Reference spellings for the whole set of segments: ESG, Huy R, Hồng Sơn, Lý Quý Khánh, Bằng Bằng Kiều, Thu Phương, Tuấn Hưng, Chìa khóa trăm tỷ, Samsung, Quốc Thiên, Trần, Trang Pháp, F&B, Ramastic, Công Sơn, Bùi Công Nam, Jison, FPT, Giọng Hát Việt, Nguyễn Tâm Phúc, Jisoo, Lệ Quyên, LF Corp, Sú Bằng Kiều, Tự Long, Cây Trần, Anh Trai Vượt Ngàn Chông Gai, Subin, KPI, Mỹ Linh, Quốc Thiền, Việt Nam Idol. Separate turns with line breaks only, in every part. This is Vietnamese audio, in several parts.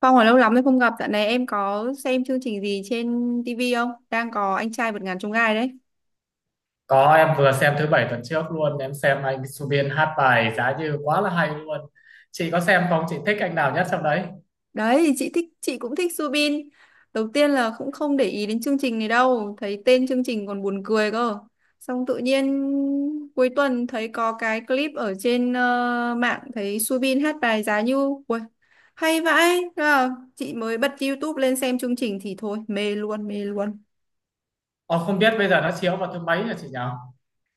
Phong ở lâu lắm rồi không gặp, dạo này em có xem chương trình gì trên TV không? Đang có anh trai vượt ngàn chông gai đấy.
Có, em vừa xem thứ bảy tuần trước luôn. Em xem anh Subin hát bài Giá Như quá là hay luôn. Chị có xem không? Chị thích anh nào nhất trong đấy?
Đấy, thì chị thích, chị cũng thích Subin. Đầu tiên là cũng không để ý đến chương trình này đâu, thấy tên chương trình còn buồn cười cơ. Xong tự nhiên cuối tuần thấy có cái clip ở trên mạng, thấy Subin hát bài Giá Như. Ui, hay vãi. Thế là chị mới bật YouTube lên xem chương trình thì thôi, mê luôn, mê luôn.
Ờ, Không biết bây giờ nó chiếu vào thứ mấy hả chị nhỉ?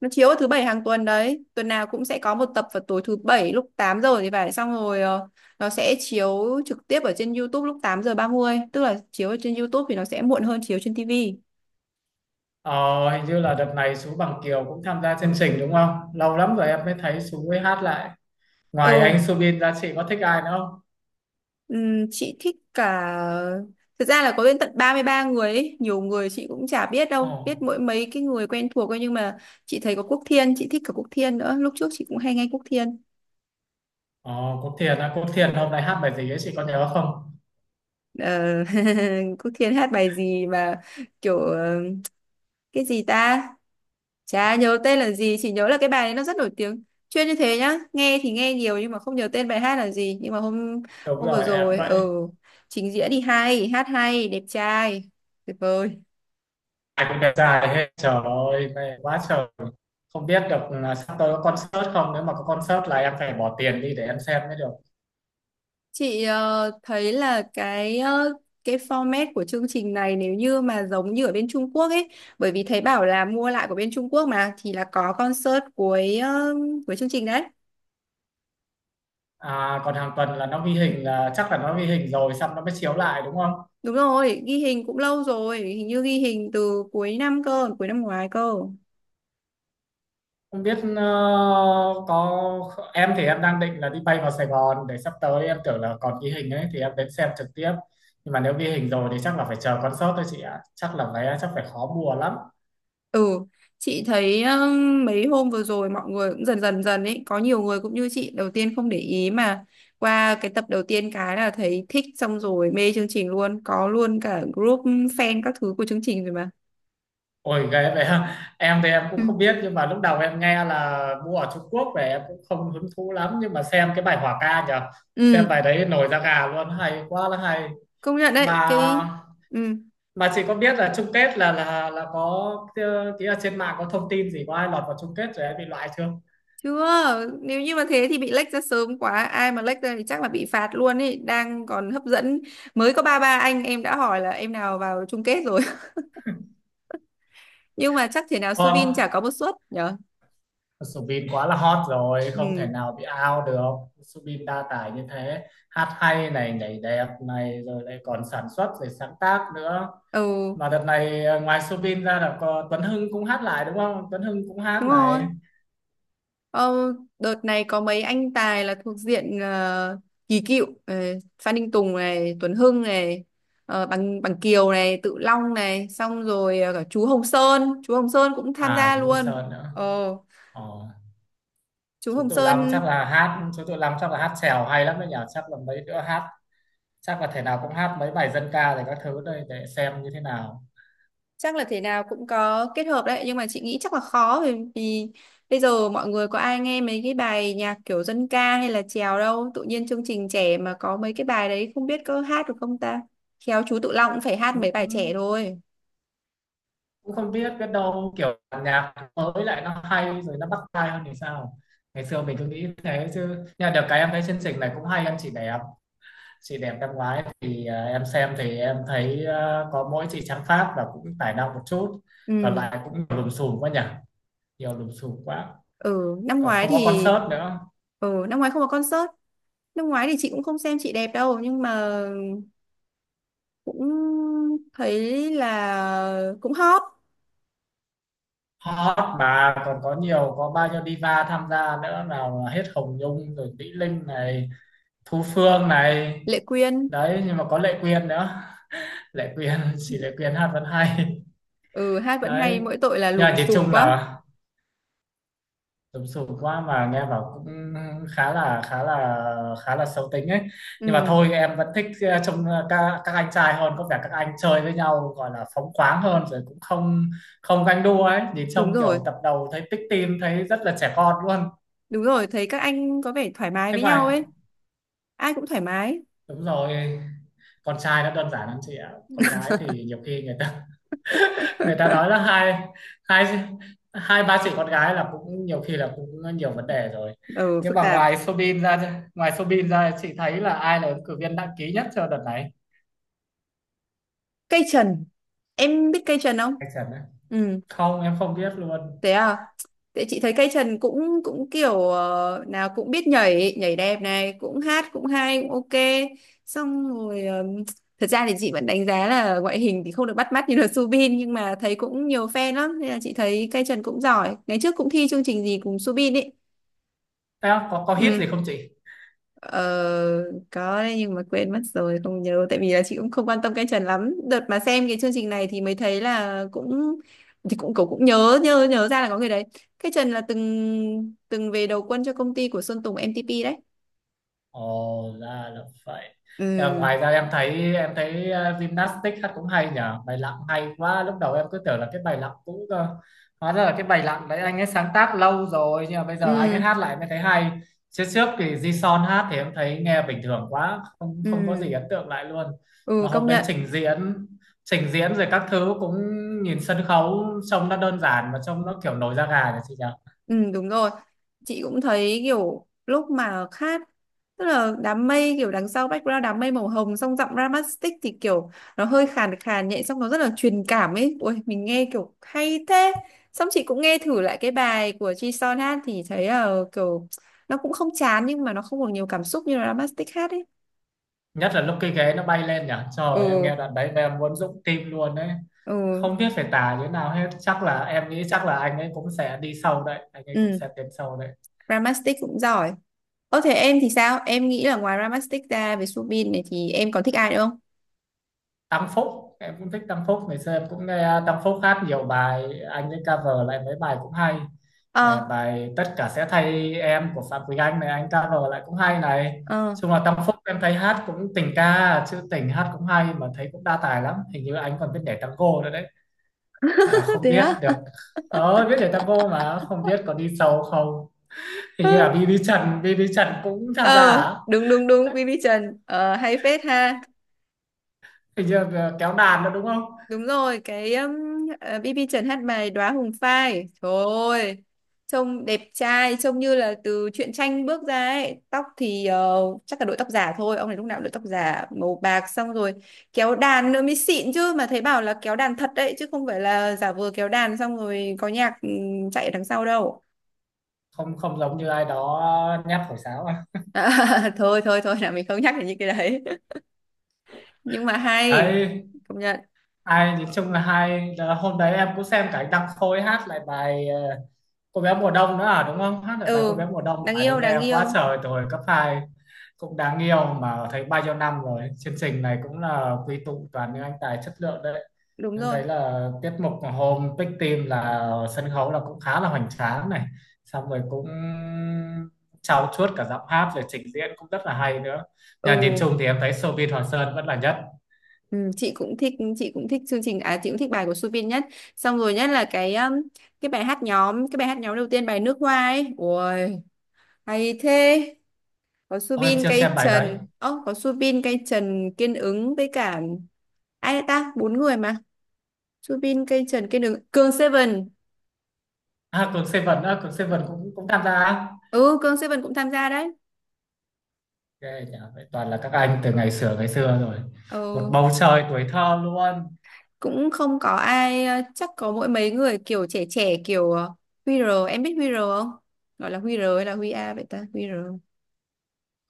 Nó chiếu vào thứ bảy hàng tuần đấy, tuần nào cũng sẽ có một tập vào tối thứ bảy lúc 8 giờ thì phải. Xong rồi nó sẽ chiếu trực tiếp ở trên YouTube lúc 8h30, tức là chiếu ở trên YouTube thì nó sẽ muộn hơn chiếu trên TV.
Ờ, Hình như là đợt này Sú Bằng Kiều cũng tham gia chương trình đúng không? Lâu lắm rồi em mới thấy Sú mới hát lại. Ngoài anh
Ừ.
Subin ra chị có thích ai nữa không?
Chị thích cả. Thực ra là có đến tận 33 người ấy. Nhiều người chị cũng chả biết
Ồ.
đâu, biết mỗi mấy cái người quen thuộc thôi, nhưng mà chị thấy có Quốc Thiên, chị thích cả Quốc Thiên nữa, lúc trước chị cũng hay nghe Quốc Thiên.
ờ, Quốc Thiền á, Quốc Thiền hôm nay hát bài gì ấy, chị có nhớ không?
ờ, Quốc Thiên hát bài gì mà kiểu cái gì ta, chả nhớ tên là gì, chỉ nhớ là cái bài đấy nó rất nổi tiếng. Chuyên như thế nhá, nghe thì nghe nhiều nhưng mà không nhớ tên bài hát là gì. Nhưng mà hôm
Đúng
hôm vừa
rồi em
rồi
vậy.
trình diễn thì hay, hát hay, đẹp trai, tuyệt vời.
Ai cũng đẹp trai hết. Trời ơi mê quá trời. Không biết được là sắp tới có concert không, nếu mà có concert là em phải bỏ tiền đi để em xem mới được.
Chị thấy là cái format của chương trình này nếu như mà giống như ở bên Trung Quốc ấy, bởi vì thấy bảo là mua lại của bên Trung Quốc mà, thì là có concert cuối chương trình đấy.
À, còn hàng tuần là nó ghi hình, là chắc là nó ghi hình rồi xong nó mới chiếu lại đúng không?
Đúng rồi, ghi hình cũng lâu rồi, hình như ghi hình từ cuối năm cơ, cuối năm ngoái cơ.
Không biết có, em thì em đang định là đi bay vào Sài Gòn, để sắp tới em tưởng là còn ghi hình ấy thì em đến xem trực tiếp, nhưng mà nếu ghi hình rồi thì chắc là phải chờ concert thôi chị ạ, chắc là vé chắc phải khó mua lắm.
Ừ, chị thấy mấy hôm vừa rồi mọi người cũng dần dần dần ấy, có nhiều người cũng như chị, đầu tiên không để ý, mà qua cái tập đầu tiên cái là thấy thích, xong rồi mê chương trình luôn, có luôn cả group fan các thứ của chương trình rồi mà.
Ôi ghê vậy ha. Em thì em cũng
Ừ,
không biết, nhưng mà lúc đầu em nghe là mua ở Trung Quốc về em cũng không hứng thú lắm, nhưng mà xem cái bài hỏa ca nhờ. Xem
ừ,
bài đấy nổi da gà luôn, hay quá là hay.
công nhận đấy,
Mà
cái. Ừ.
mà chị có biết là chung kết là là có kia, kia trên mạng có thông tin gì, có ai lọt vào chung kết rồi em bị loại chưa?
Chưa, nếu như mà thế thì bị lệch ra sớm quá, ai mà lệch ra thì chắc là bị phạt luôn ấy, đang còn hấp dẫn. Mới có 33 anh em đã hỏi là em nào vào chung kết rồi. Nhưng mà chắc thể nào
Có.
Subin chả có một suất nhở.
Subin quá là hot rồi, không thể
Ừ.
nào bị out được. Subin đa tài như thế, hát hay này, nhảy đẹp này, rồi lại còn sản xuất rồi sáng tác nữa.
Ừ,
Mà đợt này ngoài Subin ra là có Tuấn Hưng cũng hát lại đúng không, Tuấn Hưng cũng hát
đúng rồi.
này.
Ờ, Đợt này có mấy anh tài là thuộc diện kỳ cựu, Phan Đình Tùng này, Tuấn Hưng này, Bằng Bằng Kiều này, Tự Long này, xong rồi cả chú Hồng Sơn cũng tham
À
gia
chú Công
luôn.
Sơn nữa.
Ờ,
Ờ.
chú
Chú
Hồng
Tự Long
Sơn
chắc là hát, chèo hay lắm đấy nhỉ, chắc là mấy đứa hát, chắc là thể nào cũng hát mấy bài dân ca rồi các thứ đây để xem như thế nào.
chắc là thể nào cũng có kết hợp đấy, nhưng mà chị nghĩ chắc là khó, vì bây giờ mọi người có ai nghe mấy cái bài nhạc kiểu dân ca hay là chèo đâu, tự nhiên chương trình trẻ mà có mấy cái bài đấy không biết có hát được không ta. Khéo chú Tự Long cũng phải hát
Ừ,
mấy bài trẻ thôi.
cũng không biết, biết đâu kiểu nhạc mới lại nó hay rồi nó bắt tai hơn thì sao, ngày xưa mình cứ nghĩ thế chứ. Nhưng mà được cái em thấy chương trình này cũng hay. Em, chị đẹp, chị đẹp năm ngoái thì em xem thì em thấy có mỗi chị Trang Pháp và cũng tài năng một chút, còn
Ừ.
lại cũng lùm xùm quá nhỉ, nhiều lùm xùm quá,
Ừ, năm
còn
ngoái
không có
thì,
concert nữa.
ừ, năm ngoái không có concert. Năm ngoái thì chị cũng không xem chị đẹp đâu, nhưng mà cũng thấy là cũng hot.
Hot mà còn có nhiều, có bao nhiêu diva tham gia nữa, nào là hết Hồng Nhung rồi Mỹ Linh này, Thu Phương này.
Lệ Quyên.
Đấy nhưng mà có Lệ Quyên nữa. Lệ Quyên, chỉ Lệ Quyên hát vẫn hay.
Ừ, hát vẫn hay,
Đấy
mỗi tội là
nhưng mà
lùm
nhìn
xùm
chung
quá.
là sụp sụp quá, mà nghe bảo cũng khá là khá là khá là xấu tính ấy. Nhưng mà
Ừ.
thôi em vẫn thích trông các anh trai hơn, có vẻ các anh chơi với nhau gọi là phóng khoáng hơn, rồi cũng không, không ganh đua ấy, nhìn
Đúng
trông
rồi,
kiểu tập đầu thấy tích tim thấy rất là trẻ con luôn.
đúng rồi, thấy các anh có vẻ thoải mái
Thế
với nhau
ngoài,
ấy, ai cũng thoải mái.
đúng rồi, con trai nó đơn giản lắm chị ạ, con gái thì nhiều khi người ta người ta nói là hai hai hai ba chị con gái là cũng nhiều khi là cũng nhiều vấn đề rồi.
Ừ,
Nhưng
phức
mà
tạp.
ngoài Sobin ra chị thấy là ai là ứng cử viên đăng ký nhất cho đợt này?
Cây trần, em biết cây trần không?
Anh Trần đấy?
Ừ,
Không, em không biết luôn.
thế à? Thế chị thấy cây trần cũng cũng kiểu nào cũng biết nhảy, nhảy đẹp này, cũng hát cũng hay, cũng ok. Xong rồi thật ra thì chị vẫn đánh giá là ngoại hình thì không được bắt mắt như là Subin, nhưng mà thấy cũng nhiều fan lắm nên là chị thấy cây trần cũng giỏi. Ngày trước cũng thi chương trình gì cùng Subin ấy.
Em có hit
Ừ.
gì không chị?
Ờ, có đấy, nhưng mà quên mất rồi không nhớ, tại vì là chị cũng không quan tâm cái trend lắm, đợt mà xem cái chương trình này thì mới thấy là cũng, thì cũng cậu cũng nhớ nhớ nhớ ra là có người đấy. Cái Trần là từng từng về đầu quân cho công ty của Sơn Tùng MTP đấy.
Ồ ra là vậy. Em,
Ừ,
ngoài ra em thấy gymnastics hát cũng hay nhở, bài lặng hay quá. Lúc đầu em cứ tưởng là cái bài lặng cũ cơ. Hóa ra là cái bài lặng đấy anh ấy sáng tác lâu rồi, nhưng mà bây giờ anh ấy
ừ,
hát lại mới thấy hay. Trước trước thì Jison hát thì em thấy nghe bình thường quá, không, không có
ừ,
gì ấn tượng lại luôn.
ừ,
Mà
công
hôm đấy
nhận.
trình diễn, rồi các thứ cũng nhìn sân khấu, trông nó đơn giản mà trông nó kiểu nổi da gà nhỉ chị nhỉ?
Ừ, đúng rồi. Chị cũng thấy kiểu lúc mà hát, tức là đám mây kiểu đằng sau, background đám mây màu hồng, xong giọng Ramastic thì kiểu nó hơi khàn khàn nhẹ, xong nó rất là truyền cảm ấy. Ôi mình nghe kiểu hay thế. Xong chị cũng nghe thử lại cái bài của Jisoo hát thì thấy là kiểu nó cũng không chán, nhưng mà nó không còn nhiều cảm xúc như là Ramastic hát ấy.
Nhất là lúc cái ghế nó bay lên nhỉ, trời ơi, em
Ừ,
nghe đoạn đấy mà em muốn dũng tim luôn đấy.
ừ,
Không biết phải tả như thế nào hết. Chắc là em nghĩ chắc là anh ấy cũng sẽ đi sâu đấy, anh ấy cũng
ừ,
sẽ tiến sâu đấy.
Ramastic cũng giỏi. Ơ thế em thì sao? Em nghĩ là ngoài Ramastic ra với Subin này thì em còn thích ai nữa không?
Tăng Phúc em cũng thích. Tăng Phúc ngày xưa em cũng nghe Tăng Phúc hát nhiều bài, anh ấy cover lại mấy bài cũng hay. Ờ,
Ờ,
bài Tất cả sẽ thay em của Phạm Quỳnh Anh này, anh cover lại cũng hay này.
ờ,
Chung là Tăng Phúc em thấy hát cũng tình ca, chứ tình hát cũng hay. Mà thấy cũng đa tài lắm, hình như anh còn biết nhảy tango nữa đấy, mà không
thế
biết
á.
được. Ờ biết nhảy tango mà không biết có đi sâu không. Hình như là BB Trần cũng tham gia
Ờ,
hả,
đúng đúng đúng, BB Trần hay phết ha.
hình như là kéo đàn nữa đúng không.
Đúng rồi, cái BB Trần hát bài Đóa Hồng Phai. Trời ơi, trông đẹp trai, trông như là từ truyện tranh bước ra ấy. Tóc thì chắc là đội tóc giả thôi, ông này lúc nào cũng đội tóc giả màu bạc, xong rồi kéo đàn nữa mới xịn chứ, mà thấy bảo là kéo đàn thật đấy chứ không phải là giả vờ kéo đàn xong rồi có nhạc chạy ở đằng sau đâu.
Không, không giống như ai đó nhát thổi sáo à.
À, thôi thôi thôi, là mình không nhắc đến những cái đấy. Nhưng mà hay,
Đấy,
công nhận.
nói chung là hai là hôm đấy em cũng xem cả anh Đăng Khôi hát lại bài cô bé mùa đông nữa à đúng không, hát lại bài cô
Ừ,
bé mùa đông,
đáng
bài đấy
yêu đáng
nghe quá
yêu.
trời rồi cấp hai. Cũng đáng yêu. Mà thấy bao nhiêu năm rồi chương trình này cũng là quy tụ toàn những anh tài chất lượng đấy.
Đúng
Em
rồi.
thấy là tiết mục hôm Big Team là sân khấu là cũng khá là hoành tráng này, xong rồi cũng trau chuốt cả giọng hát rồi trình diễn cũng rất là hay nữa. Nhà nhìn
Ừ,
chung thì em thấy showbiz Hoàng Sơn vẫn là nhất.
ừ, chị cũng thích chương trình, à, chị cũng thích bài của Suvin nhất. Xong rồi nhất là cái bài hát nhóm đầu tiên, bài nước hoa ấy. Ui, hay thế.
Ôi em chưa xem bài đấy.
Có Subin, cây trần, kiên ứng với cả ai đấy ta, bốn người mà. Subin, cây trần, kiên ứng, Cường Seven.
À, Cường Seven á, Cường Seven cũng cũng tham gia á.
Ừ, Cường Seven cũng tham gia đấy.
Ghê nhỉ, vậy toàn là các anh từ ngày xưa rồi. Một
Ừ,
bầu trời tuổi thơ luôn.
cũng không có ai chắc có mỗi mấy người kiểu trẻ trẻ kiểu Huy R, em biết Huy R không? Gọi là Huy R hay là Huy A vậy ta? Huy R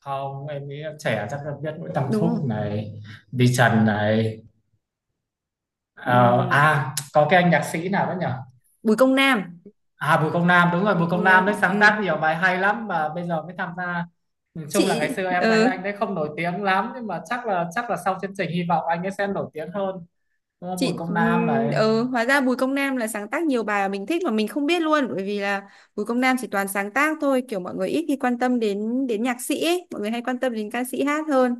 Không, em nghĩ trẻ chắc là biết Nguyễn Tâm
đúng
Phúc
không?
này, đi Trần này. Ờ,
Ừm,
à, có cái anh nhạc sĩ nào đó nhỉ?
Bùi Công Nam
À, Bùi Công Nam, đúng rồi,
Bùi
Bùi
Công
Công Nam
Nam
đấy sáng
ừm,
tác nhiều bài hay lắm mà bây giờ mới tham gia. Nói chung là ngày
chị
xưa em thấy
ờ
anh đấy không nổi tiếng lắm, nhưng mà chắc là sau chương trình hy vọng anh ấy sẽ nổi tiếng hơn. Đúng không? Bùi
chị
Công Nam này.
ờ Hóa ra Bùi Công Nam là sáng tác nhiều bài mà mình thích mà mình không biết luôn, bởi vì là Bùi Công Nam chỉ toàn sáng tác thôi, kiểu mọi người ít khi quan tâm đến đến nhạc sĩ ấy. Mọi người hay quan tâm đến ca sĩ hát hơn.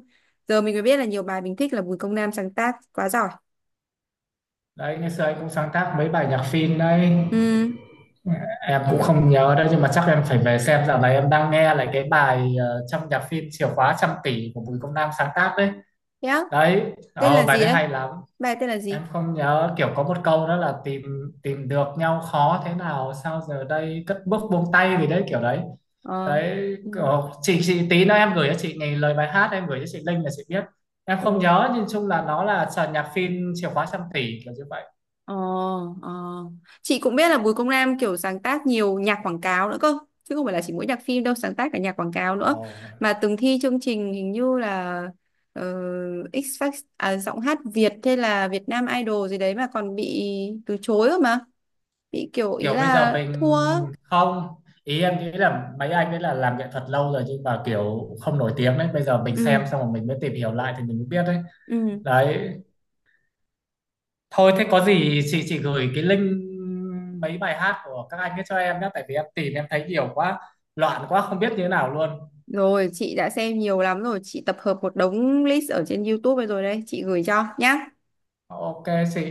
Giờ mình mới biết là nhiều bài mình thích là Bùi Công Nam sáng tác, quá giỏi.
Đấy, ngày xưa anh cũng sáng tác mấy bài nhạc phim đấy.
Ừ,
Em cũng không nhớ đâu, nhưng mà chắc em phải về xem. Dạo này em đang nghe lại cái bài trong nhạc phim Chìa khóa trăm tỷ của Bùi Công Nam sáng tác đấy.
thế á,
Đấy
tên là
bài
gì
đấy
đấy?
hay lắm.
Bài tên là
Em
gì?
không nhớ, kiểu có một câu đó là tìm, được nhau khó thế nào sao giờ đây cất bước buông tay gì đấy kiểu đấy.
Ờ.
Đấy
Ừ.
chị tí nữa em gửi cho chị nghe lời bài hát, em gửi cho chị link là chị biết. Em không
Ừ.
nhớ, nhưng chung là nó là sàn nhạc phim Chìa khóa trăm tỷ kiểu như vậy.
Ờ. Ờ. Chị cũng biết là Bùi Công Nam kiểu sáng tác nhiều nhạc quảng cáo nữa cơ. Chứ không phải là chỉ mỗi nhạc phim đâu, sáng tác cả nhạc quảng cáo nữa.
Ồ,
Mà từng thi chương trình hình như là ờ, X Factor, à, giọng hát Việt hay là Việt Nam Idol gì đấy mà còn bị từ chối cơ mà. Bị kiểu ý
kiểu bây giờ
là thua.
mình,
Á.
không, ý em nghĩ là mấy anh ấy là làm nghệ thuật lâu rồi, nhưng mà kiểu không nổi tiếng đấy, bây giờ mình
Ừ.
xem xong rồi mình mới tìm hiểu lại thì mình mới biết đấy.
Ừ.
Đấy thôi thế có gì chị gửi cái link mấy bài hát của các anh ấy cho em nhé, tại vì em tìm em thấy nhiều quá, loạn quá không biết như thế nào luôn.
Rồi, chị đã xem nhiều lắm rồi. Chị tập hợp một đống list ở trên YouTube rồi đấy. Chị gửi cho nhá.
Ok chị.